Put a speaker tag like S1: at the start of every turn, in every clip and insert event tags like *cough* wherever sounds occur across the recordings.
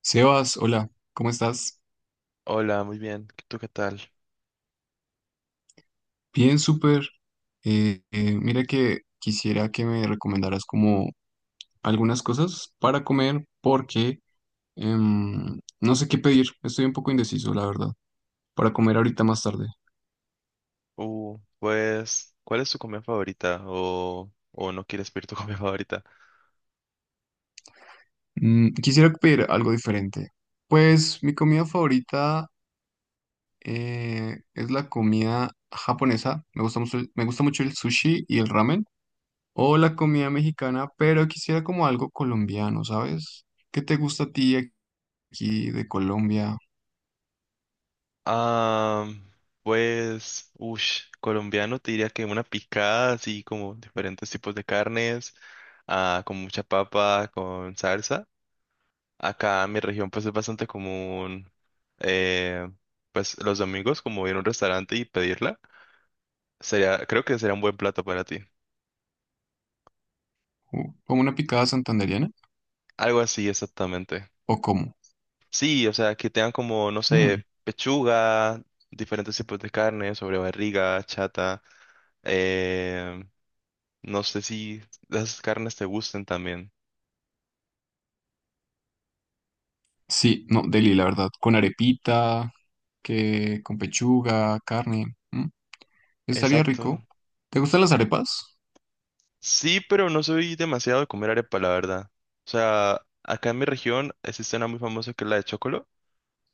S1: Sebas, hola, ¿cómo estás?
S2: Hola, muy bien. ¿Tú qué tal?
S1: Bien, súper. Mira que quisiera que me recomendaras como algunas cosas para comer porque no sé qué pedir. Estoy un poco indeciso, la verdad, para comer ahorita más tarde.
S2: ¿Cuál es tu comida favorita? ¿O no quieres pedir tu *laughs* comida favorita?
S1: Mm, quisiera pedir algo diferente. Pues mi comida favorita es la comida japonesa. Me gusta mucho el sushi y el ramen. O la comida mexicana, pero quisiera como algo colombiano, ¿sabes? ¿Qué te gusta a ti aquí de Colombia?
S2: Ah, Colombiano te diría que una picada, así como diferentes tipos de carnes, con mucha papa, con salsa. Acá en mi región, pues, es bastante común, eh, pues, los domingos, como ir a un restaurante y pedirla. Creo que sería un buen plato para ti.
S1: ¿Como una picada santandereana,
S2: Algo así, exactamente.
S1: o como?
S2: Sí, o sea, que tengan como, no sé, pechuga, diferentes tipos de carne, sobre barriga, chata. eh, no sé si las carnes te gusten también.
S1: Sí, no, deli, la verdad, con arepita, que con pechuga, carne, mm, estaría
S2: Exacto.
S1: rico. ¿Te gustan las arepas?
S2: Sí, pero no soy demasiado de comer arepa, la verdad. O sea, acá en mi región existe una muy famosa que es la de chocolo.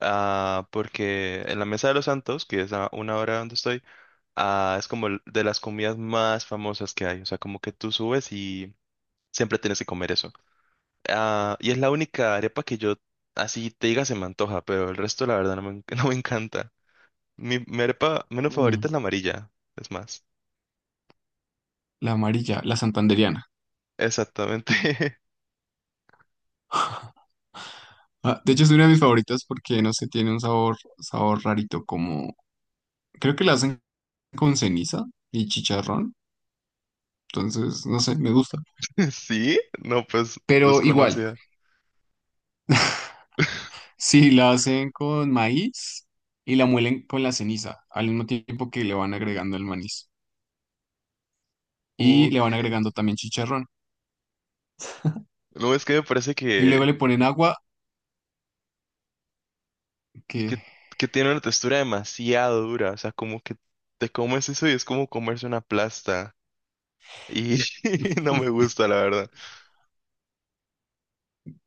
S2: Porque en la Mesa de los Santos, que es a una hora donde estoy, es como de las comidas más famosas que hay. O sea, como que tú subes y siempre tienes que comer eso. Ah, y es la única arepa que yo, así te diga, se me antoja, pero el resto, la verdad, no me, *laughs* no me encanta. Mi arepa menos
S1: Mm,
S2: favorita es la amarilla, es más.
S1: la amarilla, la santandereana.
S2: Exactamente.
S1: Ah, de hecho, es una de mis favoritas porque, no sé, tiene un sabor, sabor rarito, como, creo que la hacen con ceniza y chicharrón, entonces, no sé, me gusta.
S2: *laughs* ¿Sí? No, pues
S1: Pero igual.
S2: desconocida.
S1: Sí, la hacen con maíz y la muelen con la ceniza, al mismo tiempo que le van agregando el maíz. Y le
S2: Ok.
S1: van agregando también chicharrón.
S2: No, es que me parece
S1: Y luego le ponen agua
S2: que,
S1: que
S2: que tiene una textura demasiado dura. O sea, como que te comes eso y es como comerse una plasta. Y *laughs* no me
S1: *laughs*
S2: gusta, la verdad.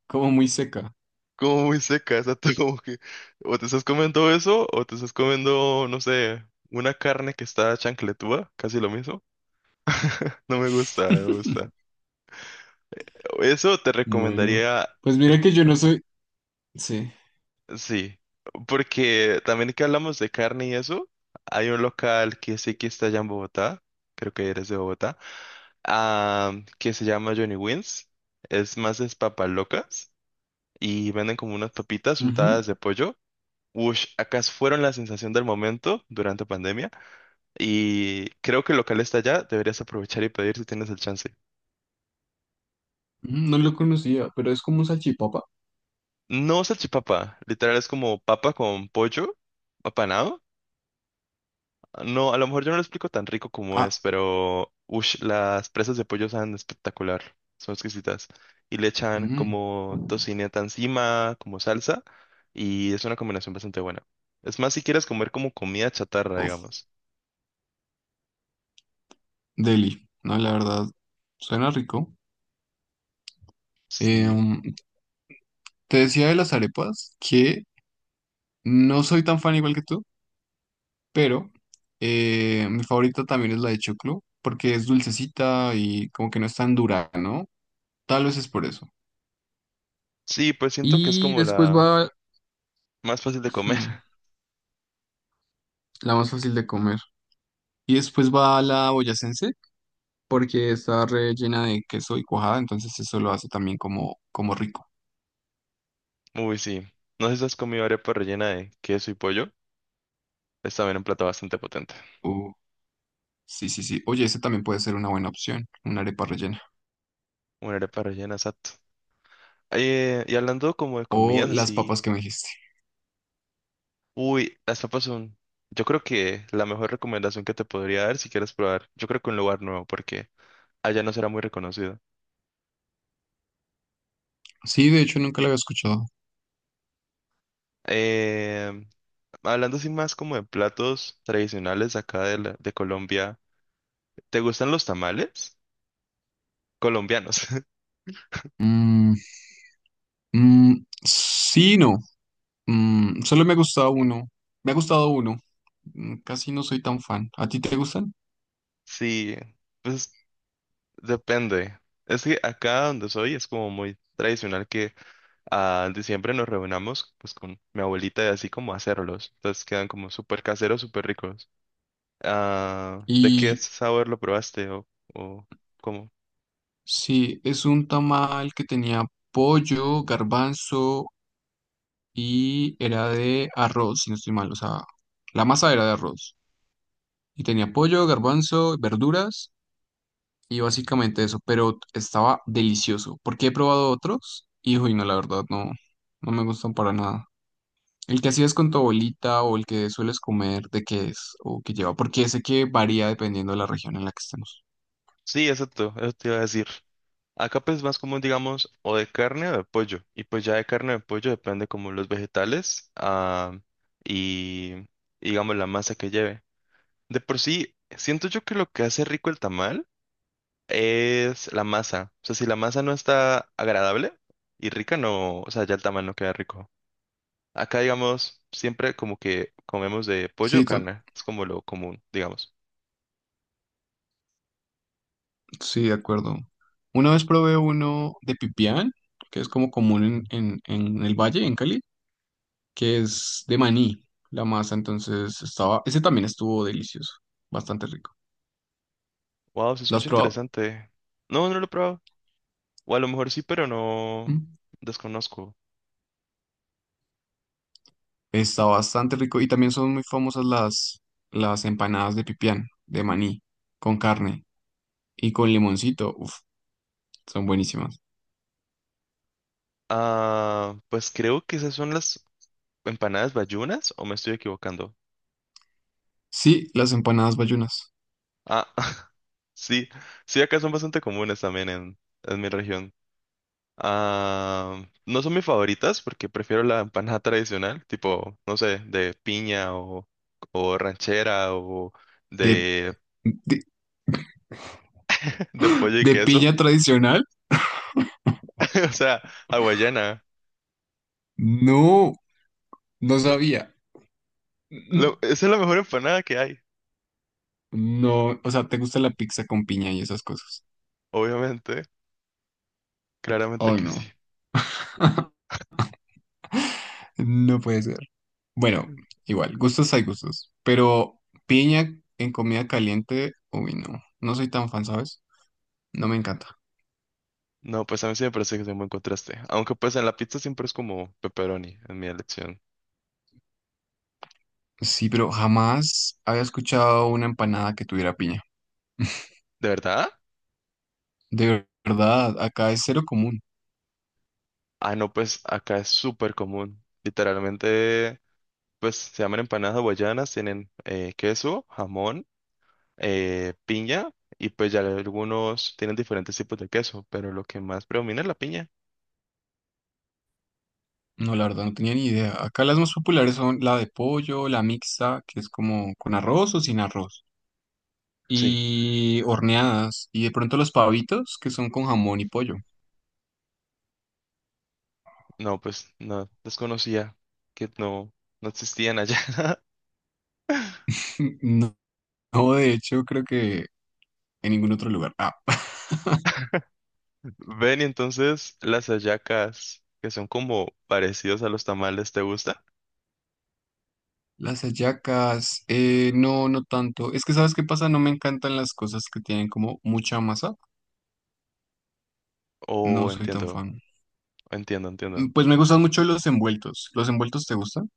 S1: como muy seca.
S2: Como muy seca, exacto, *laughs* como que o te estás comiendo eso o te estás comiendo, no sé, una carne que está chancletúa, casi lo mismo. No me gusta, no me
S1: *laughs*
S2: gusta. Eso te
S1: Bueno,
S2: recomendaría,
S1: pues
S2: eh,
S1: mira
S2: po-
S1: que yo no soy... Sí.
S2: sí, porque también que hablamos de carne y eso, hay un local que sí que está allá en Bogotá, creo que eres de Bogotá, ah, que se llama Johnny Wins, es más es papas locas y venden como unas papitas
S1: Ujú.
S2: untadas
S1: Ujú.
S2: de pollo. Ush, acá fueron la sensación del momento durante pandemia y creo que el local está allá, deberías aprovechar y pedir si tienes el chance.
S1: No lo conocía, pero ¿es como un salchipapa?
S2: No salchipapa, literal es como papa con pollo apanado. No, a lo mejor yo no lo explico tan rico como es,
S1: Ah,
S2: pero ush, las presas de pollo saben espectacular, son exquisitas. Y le echan
S1: mm,
S2: como tocineta encima, como salsa, y es una combinación bastante buena. Es más, si quieres comer como comida chatarra,
S1: uf,
S2: digamos.
S1: deli. No, la verdad, suena rico.
S2: Sí.
S1: Em, te decía de las arepas que no soy tan fan igual que tú. Pero mi favorita también es la de choclo, porque es dulcecita y como que no es tan dura, ¿no? Tal vez es por eso.
S2: Sí, pues siento que es
S1: Y
S2: como
S1: después
S2: la
S1: va
S2: más fácil de comer.
S1: *clears throat*
S2: *laughs*
S1: la más fácil de comer. Y después va la boyacense, porque está rellena de queso y cuajada, entonces eso lo hace también como, como rico.
S2: Uy, sí. No sé si has comido arepa rellena de queso y pollo. Es también un plato bastante potente.
S1: Uh, sí, sí, sí. Oye, ese también puede ser una buena opción, una arepa rellena.
S2: Una arepa rellena, exacto. Y hablando como de
S1: O
S2: comidas
S1: las
S2: así.
S1: papas que me dijiste.
S2: Uy, las papas son. Yo creo que la mejor recomendación que te podría dar si quieres probar. Yo creo que un lugar nuevo, porque allá no será muy reconocido.
S1: Sí, de hecho nunca la había escuchado.
S2: Eh, Hablando así más como de platos tradicionales acá de, de Colombia. ¿Te gustan los tamales? Colombianos.
S1: Mm, mm, sí, no. Mm, solo me ha gustado uno. Me ha gustado uno. Mm, casi no soy tan fan. ¿A ti te gustan?
S2: *laughs* Sí. Pues depende. Es que acá donde soy es como muy tradicional que en diciembre nos reunamos pues con mi abuelita y así como a hacerlos. Entonces quedan como súper caseros, súper ricos. Ah, ¿de qué
S1: Y
S2: sabor lo probaste o cómo?
S1: sí, es un tamal que tenía pollo, garbanzo y era de arroz, si no estoy mal. O sea, la masa era de arroz. Y tenía pollo, garbanzo, verduras y básicamente eso. Pero estaba delicioso. Porque he probado otros y, uy, no, la verdad, no, no me gustan para nada. ¿El que hacías con tu abuelita o el que sueles comer, de qué es o qué lleva? Porque sé que varía dependiendo de la región en la que estemos.
S2: Sí, exacto, eso te iba a decir. Acá pues es más común, digamos, o de carne o de pollo. Y pues ya de carne o de pollo depende como los vegetales, y digamos la masa que lleve. De por sí, siento yo que lo que hace rico el tamal es la masa. O sea, si la masa no está agradable y rica, no, o sea, ya el tamal no queda rico. Acá, digamos, siempre como que comemos de pollo o
S1: Sí,
S2: carne. Es como lo común, digamos.
S1: sí, de acuerdo. Una vez probé uno de pipián, que es como común en el valle, en Cali, que es de maní, la masa, entonces estaba, ese también estuvo delicioso, bastante rico.
S2: Wow, se
S1: ¿Lo has
S2: escucha
S1: probado?
S2: interesante. No, no lo he probado. O a lo mejor sí, pero no,
S1: ¿Mm?
S2: desconozco.
S1: Está bastante rico y también son muy famosas las empanadas de pipián, de maní, con carne y con limoncito, uf, son buenísimas.
S2: Ah, pues creo que esas son las empanadas bayunas, o me estoy equivocando.
S1: Sí, las empanadas bayunas.
S2: Ah, *laughs* sí, sí, acá son bastante comunes también en mi región. Ah, no son mis favoritas porque prefiero la empanada *laughs* tradicional, tipo, no sé, de piña o ranchera
S1: ¿De,
S2: de,
S1: de,
S2: *laughs* de pollo y
S1: de
S2: queso.
S1: piña tradicional?
S2: *laughs* O sea, hawaiana.
S1: No, no sabía. Mm,
S2: Esa es la mejor empanada que hay,
S1: no, o sea, ¿te gusta la pizza con piña y esas cosas?
S2: obviamente. Claramente
S1: Oh,
S2: que
S1: no.
S2: sí.
S1: *laughs* No puede ser. Bueno, igual, gustos hay gustos. Pero piña en comida caliente, uy, no. No soy tan fan, ¿sabes? No me encanta.
S2: No, pues a mí sí me parece que es un buen contraste. Aunque pues en la pizza siempre es como pepperoni, en mi elección.
S1: Sí, pero jamás había escuchado una empanada que tuviera piña.
S2: ¿De verdad?
S1: De verdad, acá es cero común.
S2: Ah, no, pues acá es súper común. Literalmente. Pues se llaman empanadas hawaianas, tienen queso, jamón, piña y pues ya algunos tienen diferentes tipos de queso, pero lo que más predomina es la piña.
S1: No, la verdad no tenía ni idea. Acá las más populares son la de pollo, la mixta, que es como con arroz o sin arroz,
S2: Sí,
S1: y horneadas, y de pronto los pavitos, que son con jamón y pollo.
S2: no, pues no, desconocía que no, no existían allá. *laughs*
S1: *laughs* No, no, de hecho, creo que en ningún otro lugar. Ah, *laughs*
S2: Ven, y entonces las hallacas, que son como parecidos a los tamales, ¿te gusta?
S1: las hallacas, no, no tanto. Es que, ¿sabes qué pasa? No me encantan las cosas que tienen como mucha masa. No
S2: Oh,
S1: soy tan
S2: entiendo,
S1: fan.
S2: entiendo, entiendo.
S1: Mm, pues me gustan mucho los envueltos. ¿Los envueltos te gustan?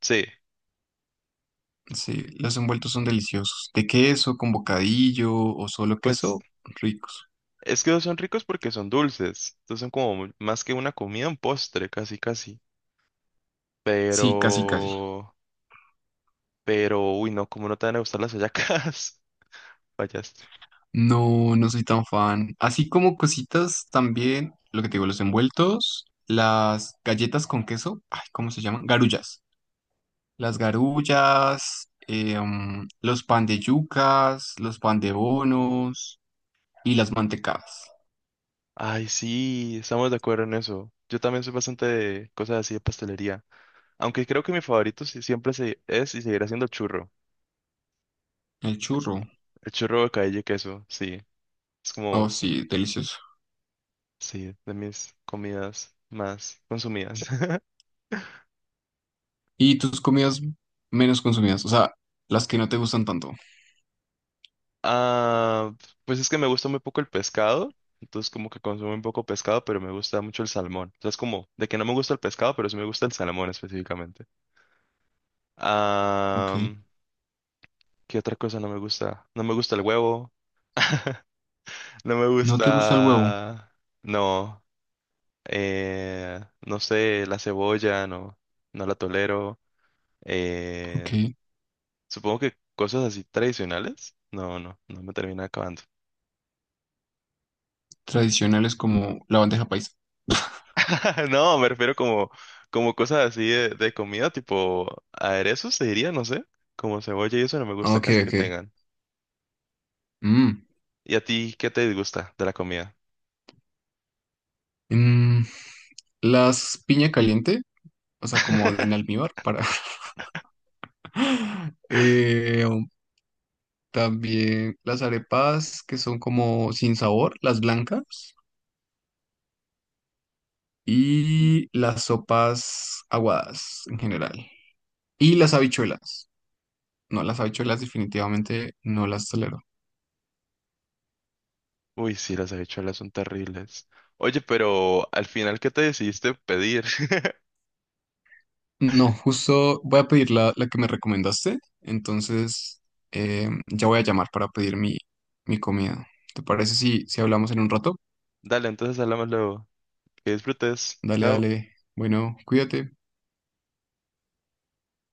S2: Sí,
S1: Sí, los envueltos son deliciosos. De queso, con bocadillo o solo
S2: pues
S1: queso, ricos.
S2: es que son ricos porque son dulces, entonces son como más que una comida, un postre, casi, casi.
S1: Sí, casi, casi.
S2: Pero, pero, uy, no, ¿cómo no te van a gustar las hallacas? *laughs* Fallaste.
S1: No, no soy tan fan. Así como cositas también, lo que te digo, los envueltos, las galletas con queso, ay, ¿cómo se llaman? Garullas. Las garullas, mm, los pan de yucas, los pan de bonos y las mantecadas.
S2: Ay, sí, estamos de acuerdo en eso. Yo también soy bastante de cosas así de pastelería. Aunque creo que mi favorito es y seguirá siendo el churro.
S1: El churro.
S2: El churro de calle y queso, sí. Es
S1: Oh,
S2: como,
S1: sí, delicioso.
S2: sí, de mis comidas más consumidas. *laughs*
S1: ¿Y tus comidas menos consumidas? O sea, las que no te gustan tanto.
S2: Ah, pues es que me gusta muy poco el pescado. Entonces como que consumo un poco pescado, pero me gusta mucho el salmón. O sea, es como de que no me gusta el pescado, pero sí me gusta el salmón específicamente.
S1: Ok.
S2: Am, ¿qué otra cosa no me gusta? No me gusta el huevo, no me
S1: ¿No te gusta el huevo?
S2: gusta... No, eh, no sé, la cebolla, no, no la tolero. eh,
S1: Ok.
S2: Supongo que cosas así tradicionales. No, no, no me termina acabando.
S1: Tradicionales como la bandeja paisa.
S2: *laughs* No, me refiero como, como cosas así de comida, tipo aderezos, te diría, no sé, como cebolla y eso no me gusta
S1: Ok,
S2: casi que
S1: ok.
S2: tengan.
S1: Mm.
S2: ¿Y a ti qué te disgusta de la comida?
S1: Mm, las piña caliente, o sea, como en
S2: *laughs*
S1: almíbar para... *laughs* Eh, también las arepas que son como sin sabor, las blancas. Y las sopas aguadas en general. Y las habichuelas. No, las habichuelas definitivamente no las tolero.
S2: Uy, sí, las habichuelas son terribles. Oye, pero al final, ¿qué te decidiste pedir? *laughs*
S1: No, justo voy a pedir la que me recomendaste, entonces ya voy a llamar para pedir mi comida. ¿Te parece si, si hablamos en un rato?
S2: Dale, entonces hablamos luego. Que disfrutes.
S1: Dale,
S2: Chao.
S1: dale. Bueno, cuídate.